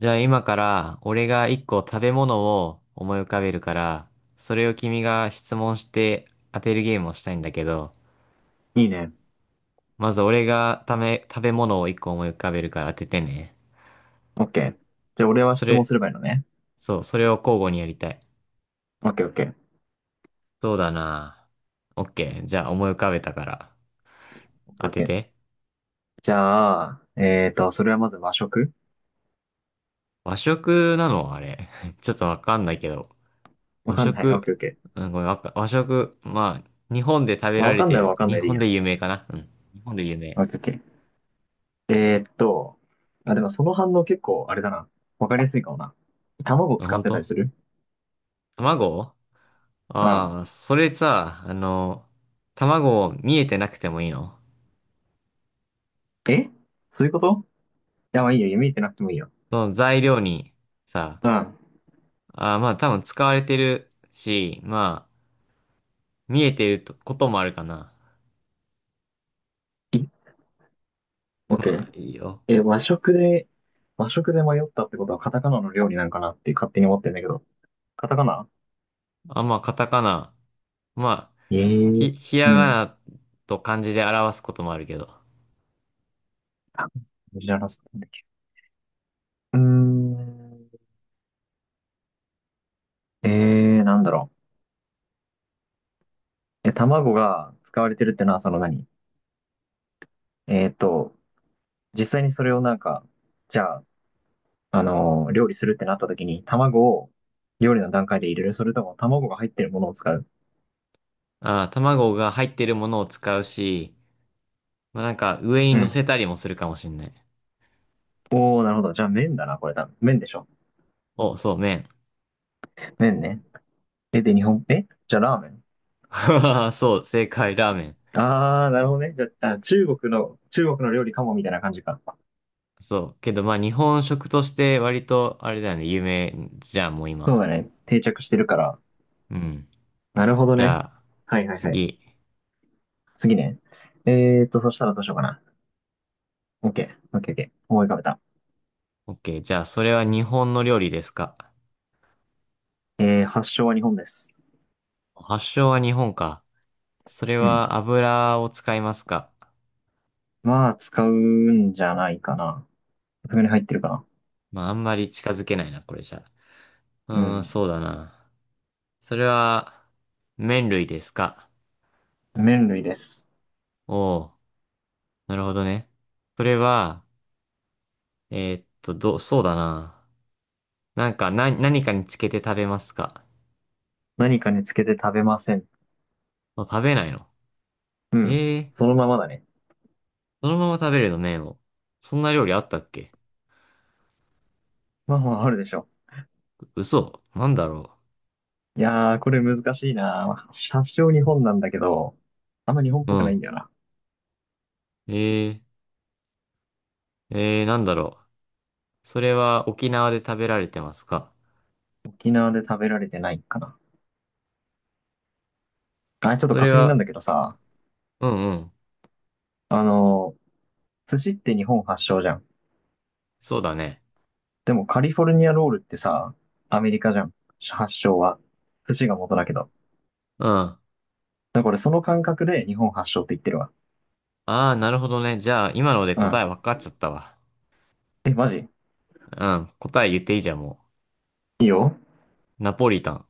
じゃあ今から俺が一個食べ物を思い浮かべるから、それを君が質問して当てるゲームをしたいんだけど、いいね。まず俺が食べ物を一個思い浮かべるから当ててね。オッケー。じゃあ、俺はそ質問れ、すればいいのね。そう、それを交互にやりたい。オッケーオッケー、そうだな。オッケー。じゃあ思い浮かべたからオッケー当オッてケー。て。じゃあ、それはまず和食。和食なのあれ？ちょっとわかんないけど。わ和かんない。オッ食、ケーオッケー。うん、ごめん、和食、まあ、日本で食べまあ、らわれかんてないはる。わかん日ないでいい本や。で有名かな。うん。日本で有オ名。ッケーオッケー。えーっと、あ、でもその反応結構、あれだな。わかりやすいかもな。卵あ、使っ本てたり当？する？卵。うん。それさ、卵見えてなくてもいいの？え、そういうこと？いや、まあいいよ。見えてなくてもいいよ。その材料にさ、うん。ああ、まあ多分使われてるし、まあ、見えてるとこともあるかな。いオッまケあ、ー。いいよ。え、和食で迷ったってことはカタカナの料理なんかなって勝手に思ってんだけど。カタカナ。あ、まあ、カタカナ。まあ、ええひ、ー。ひうらがん。なと漢字で表すこともあるけど。あ、知らなったんだっけ？うーん。えー、なんだろう。え、卵が使われてるってのは、その何？えーと、実際にそれをなんか、じゃあ、料理するってなった時に、卵を料理の段階で入れる。それとも卵が入ってるものを使う？ああ、卵が入ってるものを使うし、まあなんか上にう乗ん。せたりもするかもしんない。おー、なるほど。じゃあ麺だな、これ多分。麺でしょ。お、そう、麺。麺ね。え、で、日本、えじゃあラーメン。そう、正解、ラーメン。あー、なるほどね。じゃあ、中国の料理かも、みたいな感じか。そう。けど、まあ、日本食として割と、あれだよね、有名じゃんもうそう今。だね。定着してるから。うん。なるほどじゃね。あ、はいはいはい。次。次ね。そしたらどうしようかな。OK。OK、OK。思い浮かべた。OK。じゃあ、それは日本の料理ですか？えー、発祥は日本です。発祥は日本か。それうん。は油を使いますか？まあ、使うんじゃないかな。袋に入ってるかな。まあ、あんまり近づけないな、これじゃ。ううーん、ん。そうだな。それは、麺類ですか？麺類です。おおー、なるほどね。それは、そうだな。なんか、何かにつけて食べますか？何かにつけて食べません。あ、食べないの？うん。ええー。そのままだね。そのまま食べれるの、麺を。そんな料理あったっけ？まあまあ、あるでしょ。嘘。なんだろいやー、これ難しいな。発祥日本なんだけど、あんま日本っう。うぽくないんん。だよな。えなんだろう。それは沖縄で食べられてますか？沖縄で食べられてないかな。あ、ちょっとそれ確認なんは、だけどさ、うんうん。あの、寿司って日本発祥じゃん。そうだね。でもカリフォルニアロールってさ、アメリカじゃん。発祥は。寿司が元だけど。うん。あだからその感覚で日本発祥って言ってるわ。あ、なるほどね。じゃあ、今のでう答ん。え分かっちゃったわ。え、マジ？うん。答え言っていいじゃん、もいいよ。う。ナポリタン。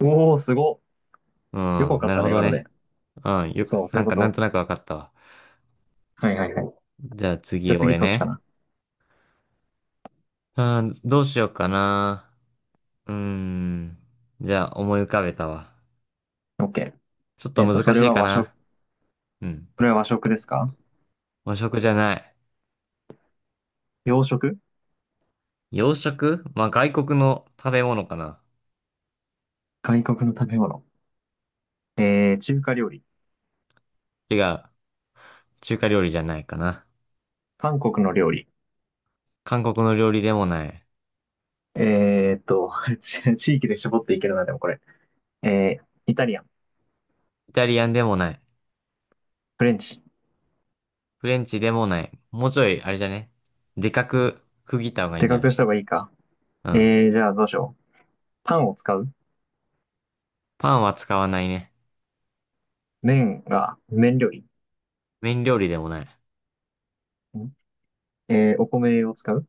おー、すご。うよくわん。かっなるたほね、ど今ので。ね。うん。そう、そなういうんこか、なんと。となく分かったわ。はいはいはい。じゃあじゃ次、あ次俺そっちかね。な。うん、どうしようかな。うーん。じゃあ、思い浮かべたわ。オッケちょっー。とえっと、難そしれいはか和食、な。うん。これは和食ですか？和食じゃない。洋食？洋食？まあ、外国の食べ物かな。外国の食べ物。えー、中華料理。違う。中華料理じゃないかな。韓国の料理。韓国の料理でもない。えーっと、地域で絞っていけるな、でもこれ。えー、イタリアン。イタリアンでもない。フレンチ。フレンチでもない。もうちょい、あれじゃね。でかく区切った方がいいんでじゃかなくい？した方がいいか。うえん。ー、じゃあどうしよう。パンを使う？パンは使わないね。麺料理？麺料理でもない。んーお米を使う？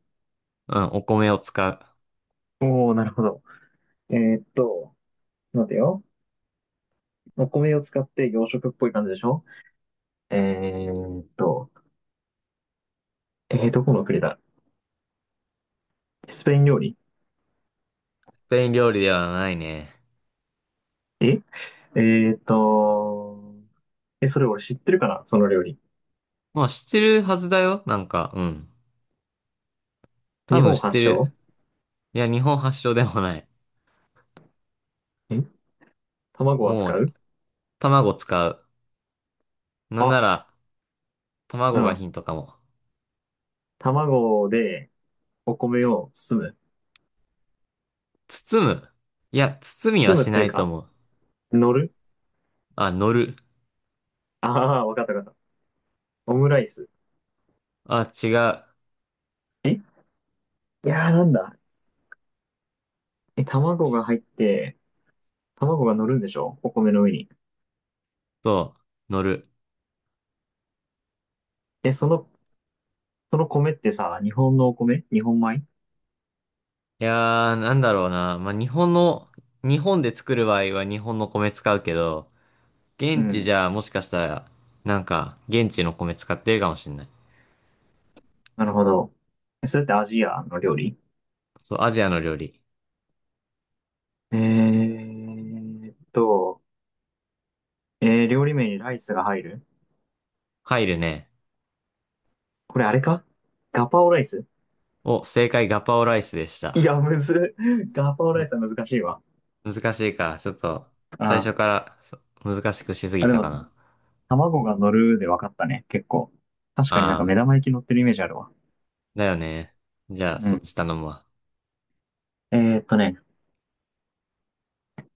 うん、お米を使う。おー、なるほど。えーっと、待てよ。お米を使って洋食っぽい感じでしょ？えーっと、え、ー、どこの国だ？スペイン料理。スペイン料理ではないね。ええーっと、え、それ俺知ってるかなその料理。まあ、知ってるはずだよ。なんか、うん。多日分本知っ発てる。祥？いや、日本発祥でもない。え、卵はも使う、う？卵使う。なんあ、なら、う卵がヒん。ントかも。卵でお米を包む。包む。いや、包み包はむっしてないういとか、思う。乗る？あ、乗る。ああー、わかったわかった。オムライス。あ、違う。えいやーなんだ。え、卵が入って、卵が乗るんでしょお米の上に。そう、乗る。で、その、その米ってさ、日本のお米？日本米？いやー、なんだろうな。まあ、日本で作る場合は日本の米使うけど、う現地じん。ゃもしかしたら、なんか、現地の米使ってるかもしんない。なるほど。え、それってアジアの料理？そう、アジアの料理。えーっと、えー、料理名にライスが入る？入るね。これあれか？ガパオライス。お、正解、ガパオライスでしいた。や、むずっ。ガパオライむ、スは難しいわ。難しいか。ちょっと、最あ初かあ。ら難しくしすぎあ、でたかも、な。卵が乗るで分かったね。結構。確かになんあかー、目玉焼き乗ってるイメージあるわ。だよね。じゃあ、うそっん。ち頼むわ。ね、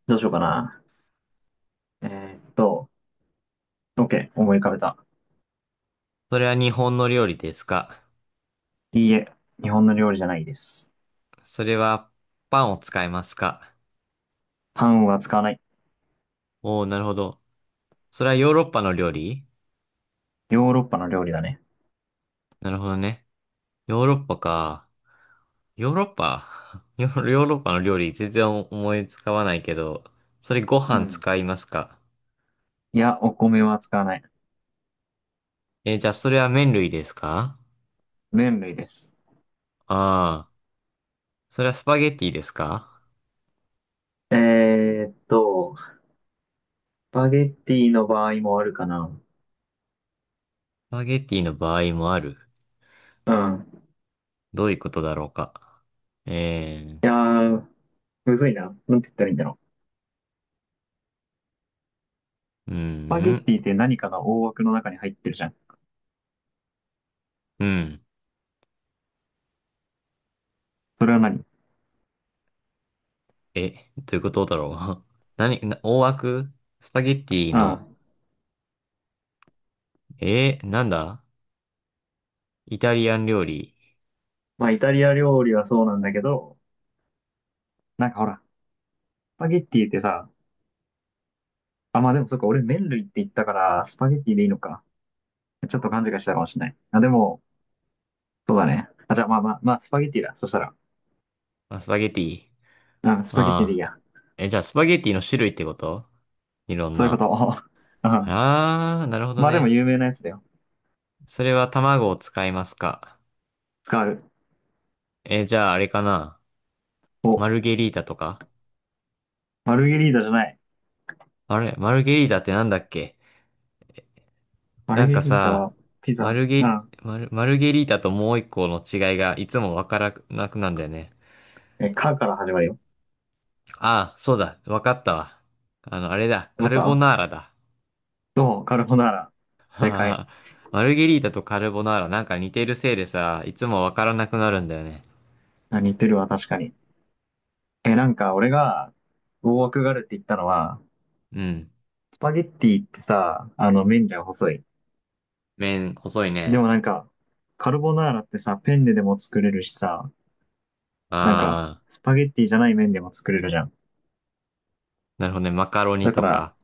どうしようかな。えーっと、OK、思い浮かべた。それは日本の料理ですか？いいえ、日本の料理じゃないです。それはパンを使いますか？パンは使わない。おおー、なるほど。それはヨーロッパの料理？ヨーロッパの料理だね。なるほどね。ヨーロッパか。ヨーロッパ ヨーロッパの料理全然思いつかわないけど、それごう飯ん。使いますか？いや、お米は使わない。じゃあそれは麺類ですか？麺類です。ああー、それはスパゲッティですか？えーっと、スパゲッティの場合もあるかな。スパゲッティの場合もある。うん。どういうことだろうか。えー、いやー、むずいな。なんて言ったらいいんだろうーう。スパゲッん、ティって何かが大枠の中に入ってるじゃん。うん。それは何？うん。え、どういうことだろう。何、大枠？スパゲッティまの、なんだ？イタリアン料理。あ、イタリア料理はそうなんだけど、なんかほら、スパゲッティってさ、あ、まあでもそっか、俺麺類って言ったから、スパゲッティでいいのか。ちょっと勘違いしたかもしれない。あ、でも、そうだね。あ、じゃあまあ、スパゲッティだ。そしたら。まあ、スパゲッティ。うん、スパゲッティでいいああ。や。え、じゃあスパゲッティの種類ってこと？いろんそういうこな。と。うん。ああ、なるほどまあでもね。有名なやつだよ。それは卵を使いますか。使う。え、じゃああれかな？マお、ルゲリータとか？マルゲリータじゃない。あれ、マルゲリータってなんだっけ？マなルんゲかリータさ、はピマザ。ルうゲ、ん。マルゲリータともう一個の違いがいつもわからなくなんだよね。え、カから始まるよ。ああ、そうだ。わかったわ。あれだ。カわルかボった？ナーラだ。どうカルボナーラ。は正は解。はマルゲリータとカルボナーラなんか似てるせいでさ、いつもわからなくなるんだよね。あ、似てるわ、確かに。え、なんか俺が、大枠があるって言ったのは、うん。スパゲッティってさ、あの、麺じゃ細い。麺、細いでね。もなんか、カルボナーラってさ、ペンネでも作れるしさ、なんか、ああ、スパゲッティじゃない麺でも作れるじゃん。なるほどね。マカロニだかとら、か。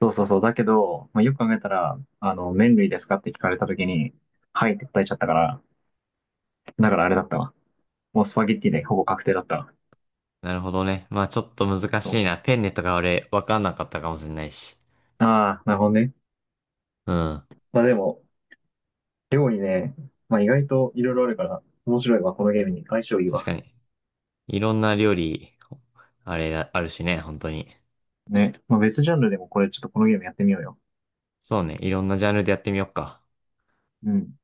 そうそうそう。だけど、まあ、よく考えたら、あの、麺類ですかって聞かれた時に、はいって答えちゃったから、だからあれだったわ。もうスパゲッティでほぼ確定だったわ。なるほどね。まあちょっと難そう。しいな。ペンネとか俺、わかんなかったかもしれないし。ああ、なるほどね。うん。まあでも、料理ね、まあ意外といろいろあるから、面白いわ、このゲームに。相性いい確わ。かに。いろんな料理、あれだ、あるしね、本当に。ね。まあ別ジャンルでもこれ、ちょっとこのゲームやってみようよ。そうね。いろんなジャンルでやってみよっか。うん。